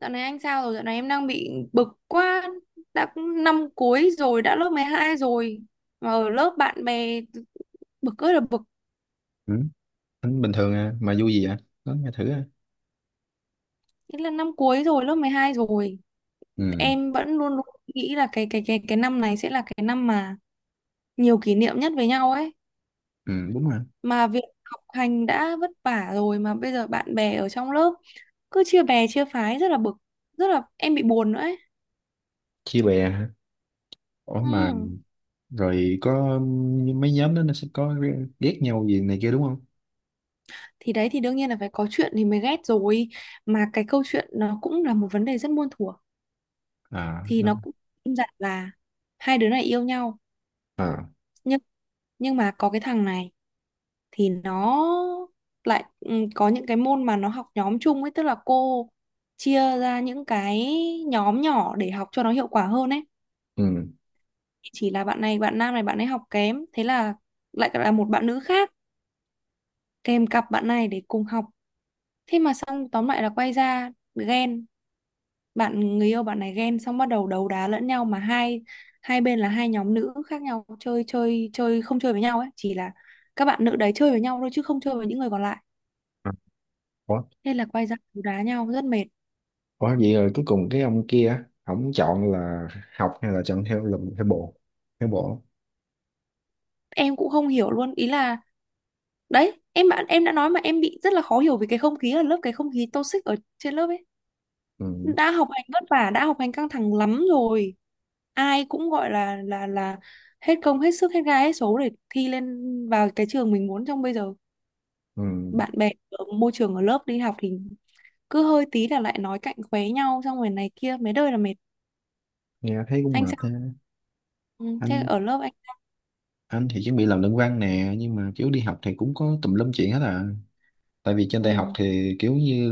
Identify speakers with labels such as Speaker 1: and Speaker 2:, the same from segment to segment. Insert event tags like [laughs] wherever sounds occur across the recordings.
Speaker 1: Dạo này anh sao rồi? Dạo này em đang bị bực quá. Đã cũng năm cuối rồi, đã lớp 12 rồi. Mà ở lớp bạn bè bực ơi là bực.
Speaker 2: Ừ, tính bình thường à, mà vui gì vậy? Nói nghe thử à.
Speaker 1: Thế là năm cuối rồi, lớp 12 rồi.
Speaker 2: Ừ,
Speaker 1: Em vẫn luôn luôn nghĩ là cái năm này sẽ là cái năm mà nhiều kỷ niệm nhất với nhau ấy.
Speaker 2: ừ, đúng rồi.
Speaker 1: Mà việc học hành đã vất vả rồi mà bây giờ bạn bè ở trong lớp cứ chia bè chia phái rất là bực, rất là em bị buồn nữa ấy.
Speaker 2: Chia bè hả? Ủa mà
Speaker 1: Ừ.
Speaker 2: rồi có mấy nhóm đó nó sẽ có ghét nhau gì này kia đúng không?
Speaker 1: Thì đấy thì đương nhiên là phải có chuyện thì mới ghét rồi. Mà cái câu chuyện nó cũng là một vấn đề rất muôn thuở,
Speaker 2: À,
Speaker 1: thì nó
Speaker 2: đúng.
Speaker 1: cũng im dặt là hai đứa này yêu nhau,
Speaker 2: À
Speaker 1: nhưng nhưng mà có cái thằng này thì nó lại có những cái môn mà nó học nhóm chung ấy, tức là cô chia ra những cái nhóm nhỏ để học cho nó hiệu quả hơn ấy,
Speaker 2: ừ
Speaker 1: chỉ là bạn này bạn nam này bạn ấy học kém, thế là lại là một bạn nữ khác kèm cặp bạn này để cùng học. Thế mà xong tóm lại là quay ra ghen, bạn người yêu bạn này ghen xong bắt đầu đấu đá lẫn nhau, mà hai hai bên là hai nhóm nữ khác nhau, chơi chơi chơi không chơi với nhau ấy, chỉ là các bạn nữ đấy chơi với nhau thôi chứ không chơi với những người còn lại,
Speaker 2: À, ủa
Speaker 1: nên là quay ra đấu đá nhau rất mệt.
Speaker 2: ủa vậy rồi cuối cùng cái ông kia á, ổng chọn là học hay là chọn theo lùm theo bộ. Theo bộ.
Speaker 1: Em cũng không hiểu luôn, ý là đấy em bạn em đã nói mà em bị rất là khó hiểu vì cái không khí ở lớp, cái không khí toxic ở trên lớp ấy,
Speaker 2: Ừ,
Speaker 1: đã học hành vất vả, đã học hành căng thẳng lắm rồi, ai cũng gọi là hết công hết sức hết gai hết số để thi lên vào cái trường mình muốn trong bây giờ,
Speaker 2: ừ,
Speaker 1: bạn bè ở môi trường ở lớp đi học thì cứ hơi tí là lại nói cạnh khóe nhau, xong rồi này kia mấy đời là mệt.
Speaker 2: nghe thấy cũng
Speaker 1: Anh
Speaker 2: mệt
Speaker 1: sao?
Speaker 2: ha.
Speaker 1: Ừ, Thế
Speaker 2: Anh
Speaker 1: ở lớp anh.
Speaker 2: anh thì chuẩn bị làm luận văn nè, nhưng mà kiểu đi học thì cũng có tùm lum chuyện hết à. Tại vì trên đại học
Speaker 1: Ừ,
Speaker 2: thì kiểu như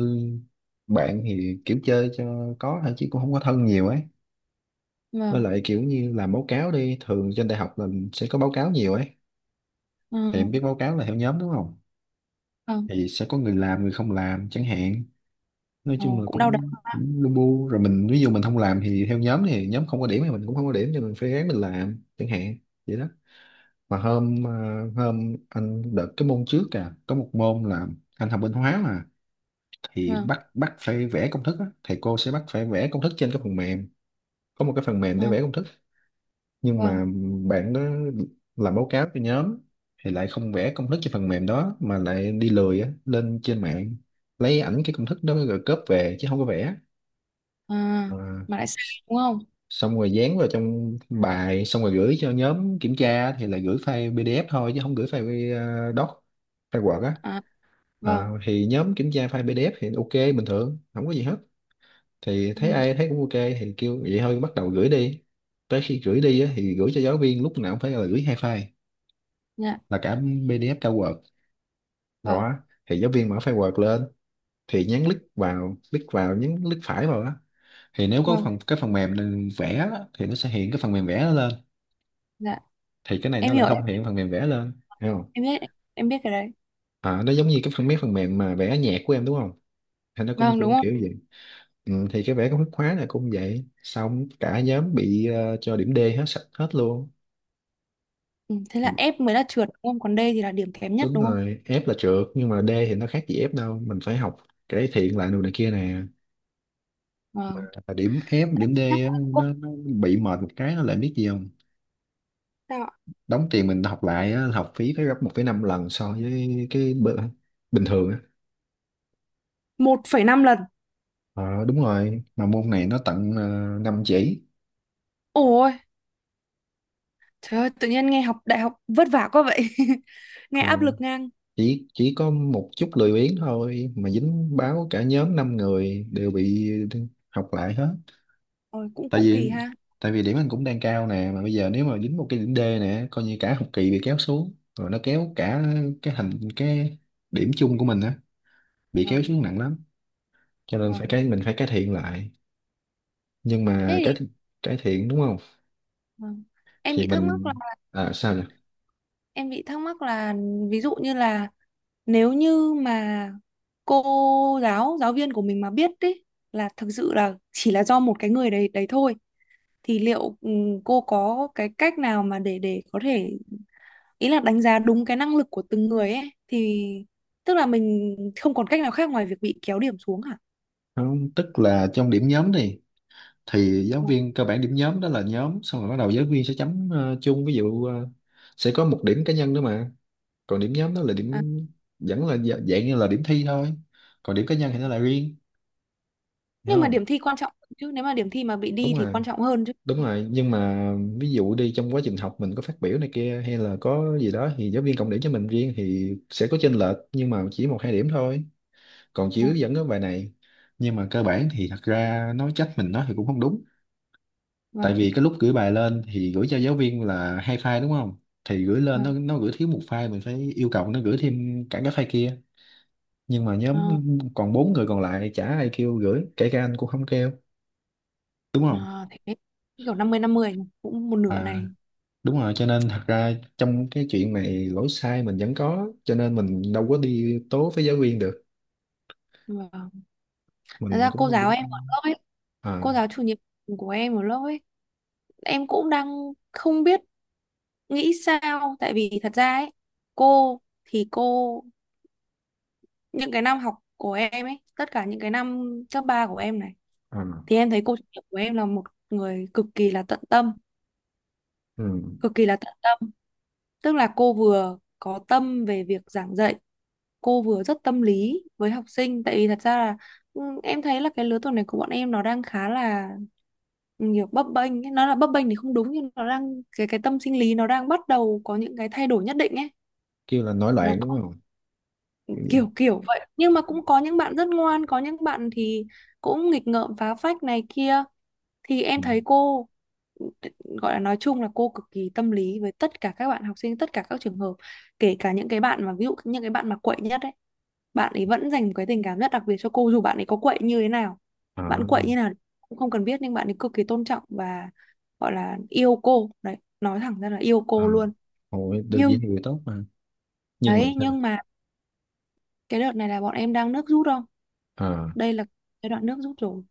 Speaker 2: bạn thì kiểu chơi cho có thôi chứ cũng không có thân nhiều ấy, với
Speaker 1: vâng.
Speaker 2: lại kiểu như làm báo cáo đi, thường trên đại học là sẽ có báo cáo nhiều ấy, thì em
Speaker 1: Ừ,
Speaker 2: biết báo cáo là theo nhóm đúng không,
Speaker 1: vâng.
Speaker 2: thì sẽ có người làm người không làm chẳng hạn. Nói
Speaker 1: Ờ,
Speaker 2: chung là
Speaker 1: cũng đau đầu.
Speaker 2: cũng, cũng lu bu rồi, mình ví dụ mình không làm thì theo nhóm thì nhóm không có điểm thì mình cũng không có điểm, cho mình phải ráng mình làm chẳng hạn, vậy đó. Mà hôm anh đợt cái môn trước à, có một môn là anh học bên hóa mà, thì
Speaker 1: Vâng.
Speaker 2: bắt bắt phải vẽ công thức á. Thầy cô sẽ bắt phải vẽ công thức trên cái phần mềm, có một cái phần mềm
Speaker 1: Ờ,
Speaker 2: để vẽ công thức, nhưng
Speaker 1: vâng.
Speaker 2: mà bạn đó làm báo cáo cho nhóm thì lại không vẽ công thức trên phần mềm đó mà lại đi lười á, lên trên mạng lấy ảnh cái công thức đó rồi cóp về chứ không có vẽ.
Speaker 1: À,
Speaker 2: Ờ,
Speaker 1: mà lại sai
Speaker 2: s-
Speaker 1: đúng không.
Speaker 2: xong rồi dán vào trong bài xong rồi gửi cho nhóm kiểm tra thì là gửi file PDF thôi chứ không gửi file doc, file Word á.
Speaker 1: À,
Speaker 2: Ờ,
Speaker 1: vâng.
Speaker 2: thì nhóm kiểm tra file PDF thì ok bình thường không có gì hết, thì thấy
Speaker 1: Ừ,
Speaker 2: ai thấy cũng ok thì kêu vậy thôi, bắt đầu gửi đi. Tới khi gửi đi á, thì gửi cho giáo viên lúc nào cũng phải là gửi hai file,
Speaker 1: dạ.
Speaker 2: là cả PDF cả Word
Speaker 1: Vâng,
Speaker 2: đó. Thì giáo viên mở file Word lên, thì nhấn click vào, click vào, nhấn click phải vào á, thì nếu có
Speaker 1: vâng.
Speaker 2: phần cái phần mềm vẽ á, thì nó sẽ hiện cái phần mềm vẽ nó lên,
Speaker 1: Dạ
Speaker 2: thì cái này nó
Speaker 1: em
Speaker 2: lại
Speaker 1: hiểu. em
Speaker 2: không hiện phần mềm vẽ lên, hiểu không?
Speaker 1: em biết, em biết cái đấy.
Speaker 2: À, nó giống như cái phần mấy phần mềm mà vẽ nhạc của em đúng không, thì nó cũng
Speaker 1: Vâng,
Speaker 2: kiểu
Speaker 1: đúng
Speaker 2: kiểu
Speaker 1: không.
Speaker 2: vậy. Ừ, thì cái vẽ công thức khóa này cũng vậy, xong cả nhóm bị cho điểm D hết sạch hết luôn.
Speaker 1: Ừ, thế là F mới là trượt đúng không, còn D thì là điểm kém nhất
Speaker 2: Đúng
Speaker 1: đúng không.
Speaker 2: rồi, F là trượt nhưng mà D thì nó khác gì F đâu, mình phải học cải thiện lại đồ này kia nè.
Speaker 1: Vâng,
Speaker 2: Là điểm F điểm D
Speaker 1: chắc
Speaker 2: á,
Speaker 1: cũng không.
Speaker 2: nó bị mệt một cái, nó lại biết gì không,
Speaker 1: Sao ạ?
Speaker 2: đóng tiền mình học lại á, học phí phải gấp 1,5 lần so với cái bình thường á.
Speaker 1: 1,5 lần.
Speaker 2: Ờ, đúng rồi, mà môn này nó tận 5 chỉ.
Speaker 1: Ôi Trời ơi, tự nhiên nghe học đại học vất vả quá vậy. [laughs] Nghe
Speaker 2: Ờ,
Speaker 1: áp lực ngang.
Speaker 2: chỉ có một chút lười biếng thôi mà dính báo cả nhóm 5 người đều bị học lại hết.
Speaker 1: Ôi, cũng
Speaker 2: tại
Speaker 1: cũng kỳ
Speaker 2: vì
Speaker 1: ha.
Speaker 2: tại vì điểm anh cũng đang cao nè, mà bây giờ nếu mà dính một cái điểm D nè coi như cả học kỳ bị kéo xuống, rồi nó kéo cả cái thành cái điểm chung của mình á, bị kéo
Speaker 1: Vâng,
Speaker 2: xuống nặng lắm, cho nên phải
Speaker 1: vâng.
Speaker 2: cái mình phải cải thiện lại. Nhưng
Speaker 1: Thế
Speaker 2: mà cái
Speaker 1: thì,
Speaker 2: cải thiện đúng không,
Speaker 1: vâng. Em
Speaker 2: thì
Speaker 1: bị thắc mắc là
Speaker 2: mình à, sao nhỉ.
Speaker 1: Em bị thắc mắc là, ví dụ như là, nếu như mà cô giáo, giáo viên của mình mà biết đấy là thực sự là chỉ là do một cái người đấy đấy thôi, thì liệu cô có cái cách nào mà để có thể, ý là đánh giá đúng cái năng lực của từng người ấy thì, tức là mình không còn cách nào khác ngoài việc bị kéo điểm xuống hả?
Speaker 2: Không, tức là trong điểm nhóm đi, thì giáo
Speaker 1: Vâng.
Speaker 2: viên cơ bản điểm nhóm đó là nhóm, xong rồi bắt đầu giáo viên sẽ chấm chung, ví dụ sẽ có một điểm cá nhân nữa, mà còn điểm nhóm đó là
Speaker 1: À.
Speaker 2: điểm vẫn là dạng như là điểm thi thôi, còn điểm cá nhân thì nó là riêng, hiểu
Speaker 1: Nhưng mà
Speaker 2: không?
Speaker 1: điểm thi quan trọng hơn chứ, nếu mà điểm thi mà bị đi
Speaker 2: đúng
Speaker 1: thì
Speaker 2: rồi
Speaker 1: quan trọng hơn chứ.
Speaker 2: đúng rồi nhưng mà ví dụ đi trong quá trình học mình có phát biểu này kia hay là có gì đó thì giáo viên cộng điểm cho mình riêng, thì sẽ có chênh lệch nhưng mà chỉ một hai điểm thôi, còn chỉ
Speaker 1: Ừ,
Speaker 2: hướng dẫn cái bài này. Nhưng mà cơ bản thì thật ra nói trách mình nó thì cũng không đúng, tại
Speaker 1: vâng,
Speaker 2: vì cái lúc gửi bài lên thì gửi cho giáo viên là hai file đúng không, thì gửi lên nó
Speaker 1: vâng.
Speaker 2: nó gửi thiếu một file, mình phải yêu cầu nó gửi thêm cả cái file kia. Nhưng mà nhóm
Speaker 1: Ờ,
Speaker 2: còn bốn người còn lại chả ai kêu gửi, kể cả anh cũng không kêu, đúng
Speaker 1: ờ,
Speaker 2: không.
Speaker 1: thế kiểu 50 50 nhỉ, cũng một nửa
Speaker 2: À
Speaker 1: này.
Speaker 2: đúng rồi, cho nên thật ra trong cái chuyện này lỗi sai mình vẫn có, cho nên mình đâu có đi tố với giáo viên được.
Speaker 1: Vâng. Thật
Speaker 2: Mình
Speaker 1: ra
Speaker 2: cũng
Speaker 1: cô
Speaker 2: không
Speaker 1: giáo
Speaker 2: kiểm.
Speaker 1: em ở lớp ấy,
Speaker 2: À
Speaker 1: cô giáo chủ nhiệm của em ở lớp ấy, em cũng đang không biết nghĩ sao, tại vì thật ra ấy, cô những cái năm học của em ấy, tất cả những cái năm cấp 3 của em này,
Speaker 2: à
Speaker 1: thì em thấy cô chủ nhiệm của em là một người cực kỳ là tận tâm,
Speaker 2: ừ.
Speaker 1: cực kỳ là tận tâm. Tức là cô vừa có tâm về việc giảng dạy, cô vừa rất tâm lý với học sinh. Tại vì thật ra là em thấy là cái lứa tuổi này của bọn em nó đang khá là nhiều bấp bênh ấy. Nó là bấp bênh thì không đúng nhưng nó đang cái tâm sinh lý nó đang bắt đầu có những cái thay đổi nhất định ấy.
Speaker 2: Kêu là nổi
Speaker 1: Nó
Speaker 2: loạn
Speaker 1: có
Speaker 2: đúng không, kiểu vậy.
Speaker 1: kiểu kiểu vậy. Nhưng mà cũng có những bạn rất ngoan, có những bạn thì cũng nghịch ngợm phá phách này kia, thì em
Speaker 2: Ừ.
Speaker 1: thấy cô gọi là nói chung là cô cực kỳ tâm lý với tất cả các bạn học sinh, tất cả các trường hợp, kể cả những cái bạn mà ví dụ những cái bạn mà quậy nhất ấy, bạn ấy vẫn dành một cái tình cảm rất đặc biệt cho cô dù bạn ấy có quậy như thế nào, bạn
Speaker 2: À
Speaker 1: quậy như nào cũng không cần biết nhưng bạn ấy cực kỳ tôn trọng và gọi là yêu cô đấy, nói thẳng ra là yêu cô
Speaker 2: à.
Speaker 1: luôn.
Speaker 2: Ôi, được vậy
Speaker 1: Nhưng
Speaker 2: thì tốt mà, nhưng mà
Speaker 1: đấy,
Speaker 2: sao.
Speaker 1: nhưng mà cái đợt này là bọn em đang nước rút không,
Speaker 2: À
Speaker 1: đây là giai đoạn nước rút rồi,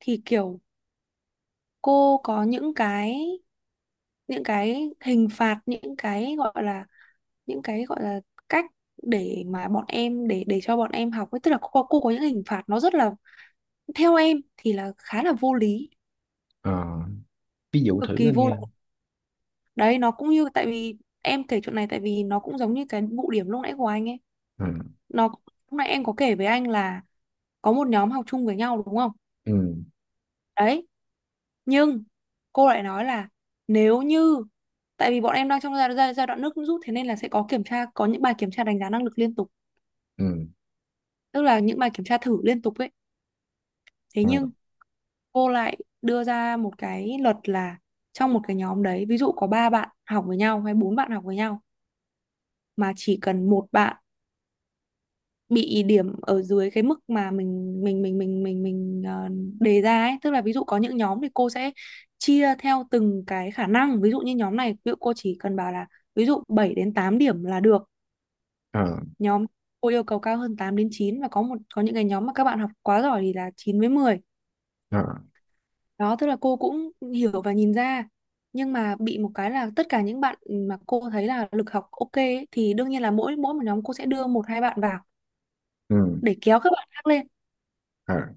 Speaker 1: thì kiểu cô có những cái hình phạt, những cái gọi là cách để mà bọn em, để cho bọn em học ấy, tức là cô có những hình phạt nó rất là, theo em thì là khá là vô lý,
Speaker 2: à ví dụ
Speaker 1: cực
Speaker 2: thử
Speaker 1: kỳ
Speaker 2: anh
Speaker 1: vô lý.
Speaker 2: nghe.
Speaker 1: Đấy, nó cũng như, tại vì em kể chuyện này tại vì nó cũng giống như cái vụ điểm lúc nãy của anh ấy,
Speaker 2: À
Speaker 1: nó lúc nãy em có kể với anh là có một nhóm học chung với nhau đúng không,
Speaker 2: ừ
Speaker 1: đấy, nhưng cô lại nói là, nếu như, tại vì bọn em đang trong giai đoạn nước rút, thế nên là sẽ có kiểm tra, có những bài kiểm tra đánh giá năng lực liên tục,
Speaker 2: ừ
Speaker 1: tức là những bài kiểm tra thử liên tục ấy, thế
Speaker 2: à
Speaker 1: nhưng cô lại đưa ra một cái luật là, trong một cái nhóm đấy ví dụ có ba bạn học với nhau hay bốn bạn học với nhau, mà chỉ cần một bạn bị điểm ở dưới cái mức mà mình đề ra ấy, tức là ví dụ có những nhóm thì cô sẽ chia theo từng cái khả năng, ví dụ như nhóm này ví dụ cô chỉ cần bảo là ví dụ 7 đến 8 điểm là được,
Speaker 2: à
Speaker 1: nhóm cô yêu cầu cao hơn 8 đến chín, và có những cái nhóm mà các bạn học quá giỏi thì là 9 với mười.
Speaker 2: à
Speaker 1: Đó, tức là cô cũng hiểu và nhìn ra. Nhưng mà bị một cái là tất cả những bạn mà cô thấy là lực học ok ấy, thì đương nhiên là mỗi mỗi một nhóm cô sẽ đưa một hai bạn vào
Speaker 2: ừ
Speaker 1: để kéo các bạn khác lên.
Speaker 2: à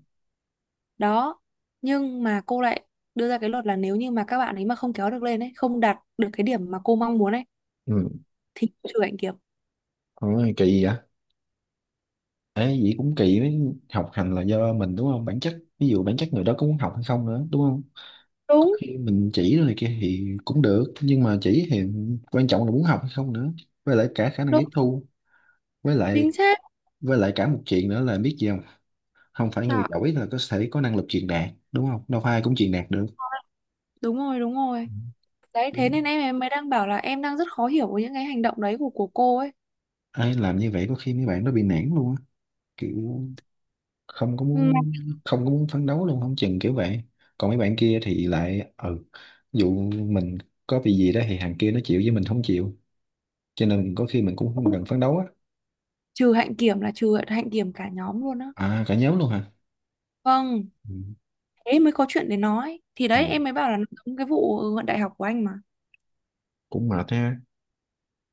Speaker 1: Đó. Nhưng mà cô lại đưa ra cái luật là, nếu như mà các bạn ấy mà không kéo được lên ấy, không đạt được cái điểm mà cô mong muốn ấy,
Speaker 2: ừ.
Speaker 1: thì cô trừ hạnh kiểm.
Speaker 2: Ôi, kỳ vậy. Ê, vậy cũng kỳ với, học hành là do mình đúng không? Bản chất, ví dụ bản chất người đó có muốn học hay không nữa, đúng không? Có
Speaker 1: Đúng,
Speaker 2: khi mình chỉ rồi kia thì cũng được, nhưng mà chỉ thì quan trọng là muốn học hay không nữa. Với lại cả khả năng
Speaker 1: đúng,
Speaker 2: tiếp thu, với
Speaker 1: chính
Speaker 2: lại
Speaker 1: xác.
Speaker 2: với lại cả một chuyện nữa là biết gì không? Không phải người
Speaker 1: Trời,
Speaker 2: giỏi là có thể có năng lực truyền đạt, đúng không? Đâu phải ai cũng truyền đạt được.
Speaker 1: đúng rồi, đúng rồi. Đấy,
Speaker 2: Ừ.
Speaker 1: thế nên em mới đang bảo là em đang rất khó hiểu với những cái hành động đấy của cô ấy.
Speaker 2: Ai làm như vậy có khi mấy bạn nó bị nản luôn á, kiểu không có
Speaker 1: Mà
Speaker 2: muốn, không có muốn phấn đấu luôn không chừng kiểu vậy. Còn mấy bạn kia thì lại ừ, dụ mình có bị gì đó thì thằng kia nó chịu với mình không chịu, cho nên có khi mình cũng không cần phấn đấu á.
Speaker 1: trừ hạnh kiểm là trừ hạnh kiểm cả nhóm luôn á.
Speaker 2: À cả nhóm luôn hả.
Speaker 1: Vâng.
Speaker 2: Ừ.
Speaker 1: Thế mới có chuyện để nói, thì đấy
Speaker 2: Ồ,
Speaker 1: em mới bảo là nó giống cái vụ luận đại học của anh mà.
Speaker 2: cũng mệt ha.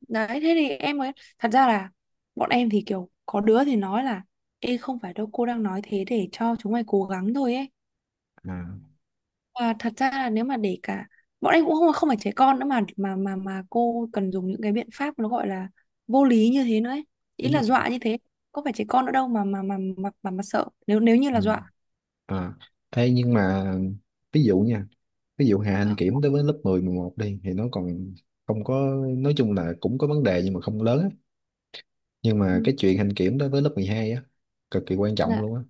Speaker 1: Đấy, thế thì em mới, thật ra là, bọn em thì kiểu có đứa thì nói là ê không phải đâu, cô đang nói thế để cho chúng mày cố gắng thôi ấy,
Speaker 2: À
Speaker 1: và thật ra là nếu mà để cả bọn em cũng không không phải trẻ con nữa mà cô cần dùng những cái biện pháp nó gọi là vô lý như thế nữa ấy, ý
Speaker 2: đúng
Speaker 1: là
Speaker 2: rồi.
Speaker 1: dọa như thế, có phải trẻ con nữa đâu mà sợ, nếu nếu như
Speaker 2: Ừ.
Speaker 1: là dọa.
Speaker 2: À. Ê, nhưng mà ví dụ nha, ví dụ hạ hành
Speaker 1: Vâng.
Speaker 2: kiểm đối với lớp 10, 11 đi thì nó còn không có, nói chung là cũng có vấn đề nhưng mà không lớn á, nhưng mà
Speaker 1: Ừ.
Speaker 2: cái chuyện hành kiểm đối với lớp 12 á, cực kỳ quan trọng
Speaker 1: Dạ.
Speaker 2: luôn á.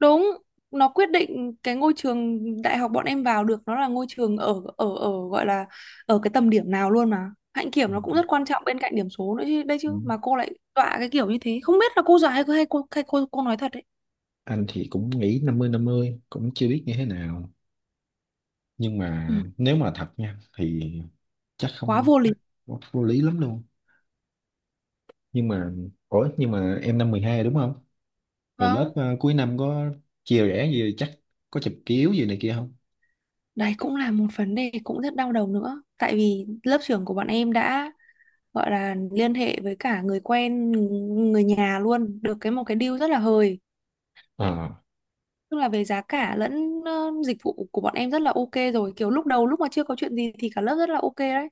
Speaker 1: Đúng, nó quyết định cái ngôi trường đại học bọn em vào được nó là ngôi trường ở ở ở gọi là ở cái tầm điểm nào luôn mà. Hạnh
Speaker 2: Ừ.
Speaker 1: kiểm nó cũng rất quan trọng bên cạnh điểm số nữa chứ, đây
Speaker 2: Ừ.
Speaker 1: chứ mà cô lại dọa cái kiểu như thế, không biết là cô dọa hay, hay cô nói thật đấy.
Speaker 2: Anh thì cũng nghĩ 50-50 cũng chưa biết như thế nào, nhưng
Speaker 1: Ừ,
Speaker 2: mà nếu mà thật nha thì chắc
Speaker 1: quá
Speaker 2: không
Speaker 1: vô
Speaker 2: chắc
Speaker 1: lý.
Speaker 2: vô vô lý lắm luôn, nhưng mà ủa nhưng mà em năm 12 đúng không, rồi lớp
Speaker 1: Vâng,
Speaker 2: cuối năm có chia rẽ gì chắc, có chụp kiếu gì này kia không.
Speaker 1: đấy cũng là một vấn đề cũng rất đau đầu nữa, tại vì lớp trưởng của bọn em đã gọi là liên hệ với cả người quen, người nhà luôn, được cái một cái deal rất là hời.
Speaker 2: Ờ
Speaker 1: Tức là về giá cả lẫn dịch vụ của bọn em rất là ok rồi. Kiểu lúc đầu lúc mà chưa có chuyện gì thì cả lớp rất là ok đấy.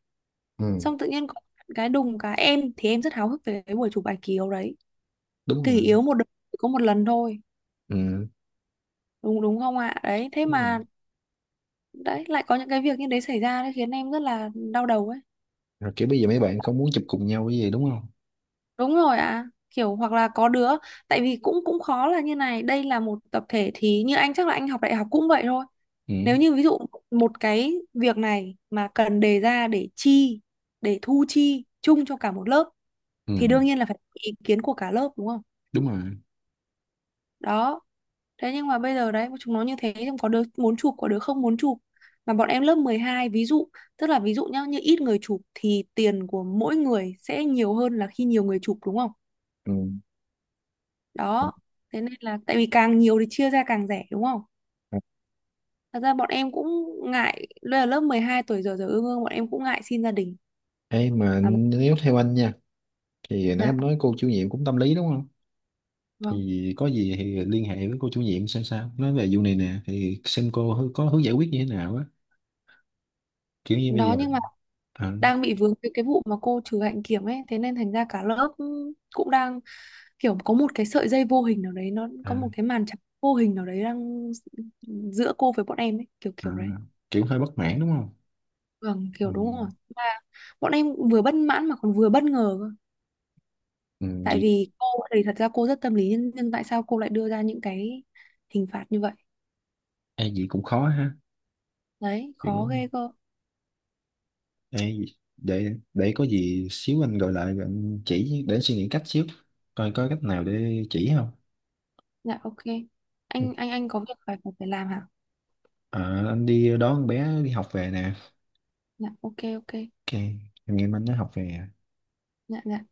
Speaker 2: ừ
Speaker 1: Xong tự nhiên có cái đùng cái, em thì em rất háo hức về cái buổi chụp bài kỳ yếu đấy,
Speaker 2: đúng
Speaker 1: kỳ
Speaker 2: rồi
Speaker 1: yếu một đời chỉ có một lần thôi.
Speaker 2: ừ
Speaker 1: Đúng đúng không ạ? Đấy, thế
Speaker 2: đúng rồi,
Speaker 1: mà đấy lại có những cái việc như đấy xảy ra đấy khiến em rất là đau đầu ấy.
Speaker 2: rồi kiểu bây giờ mấy bạn không muốn chụp cùng nhau cái gì đúng không.
Speaker 1: Đúng rồi ạ. Kiểu hoặc là có đứa, tại vì cũng cũng khó là như này, đây là một tập thể thì như anh chắc là anh học đại học cũng vậy thôi.
Speaker 2: Ừ
Speaker 1: Nếu như ví dụ một cái việc này mà cần đề ra để chi, để thu chi chung cho cả một lớp
Speaker 2: ừ
Speaker 1: thì đương nhiên là phải có ý kiến của cả lớp đúng không?
Speaker 2: đúng rồi
Speaker 1: Đó. Thế nhưng mà bây giờ đấy chúng nó như thế, nhưng có đứa muốn chụp có đứa không muốn chụp, mà bọn em lớp 12 ví dụ, tức là ví dụ nhá, như ít người chụp thì tiền của mỗi người sẽ nhiều hơn là khi nhiều người chụp đúng không?
Speaker 2: ừ.
Speaker 1: Đó. Thế nên là tại vì càng nhiều thì chia ra càng rẻ đúng không? Thật ra bọn em cũng ngại, đây là lớp 12 tuổi giờ, ương ương bọn em cũng ngại xin gia đình.
Speaker 2: Ê mà nếu theo anh nha, thì nãy
Speaker 1: Dạ.
Speaker 2: em nói cô chủ nhiệm cũng tâm lý đúng không,
Speaker 1: Vâng.
Speaker 2: thì có gì thì liên hệ với cô chủ nhiệm xem sao, nói về vụ này nè, thì xem cô có hướng giải quyết như thế nào á, kiểu như bây
Speaker 1: Đó
Speaker 2: giờ.
Speaker 1: nhưng mà
Speaker 2: À,
Speaker 1: đang bị vướng cái vụ mà cô trừ hạnh kiểm ấy, thế nên thành ra cả lớp cũng đang kiểu có một cái sợi dây vô hình nào đấy, nó
Speaker 2: à,
Speaker 1: có một cái màn trắng vô hình nào đấy đang giữa cô với bọn em ấy, kiểu
Speaker 2: à,
Speaker 1: kiểu đấy.
Speaker 2: kiểu hơi bất mãn đúng không.
Speaker 1: Vâng,
Speaker 2: Ừ,
Speaker 1: kiểu đúng rồi. Mà bọn em vừa bất mãn mà còn vừa bất ngờ cơ.
Speaker 2: ừ,
Speaker 1: Tại
Speaker 2: gì.
Speaker 1: vì cô thì thật ra cô rất tâm lý nhưng tại sao cô lại đưa ra những cái hình phạt như vậy?
Speaker 2: Ai gì cũng khó ha,
Speaker 1: Đấy, khó
Speaker 2: kiểu
Speaker 1: ghê cơ.
Speaker 2: ai để có gì xíu anh gọi lại rồi anh chỉ, để anh suy nghĩ cách xíu coi có cách nào để chỉ không.
Speaker 1: Dạ ok.
Speaker 2: Ừ,
Speaker 1: Anh có việc phải phải phải làm hả?
Speaker 2: à, anh đi đón con bé đi học về nè.
Speaker 1: Dạ ok ok.
Speaker 2: Ok, anh em anh nó học về à.
Speaker 1: Dạ dạ.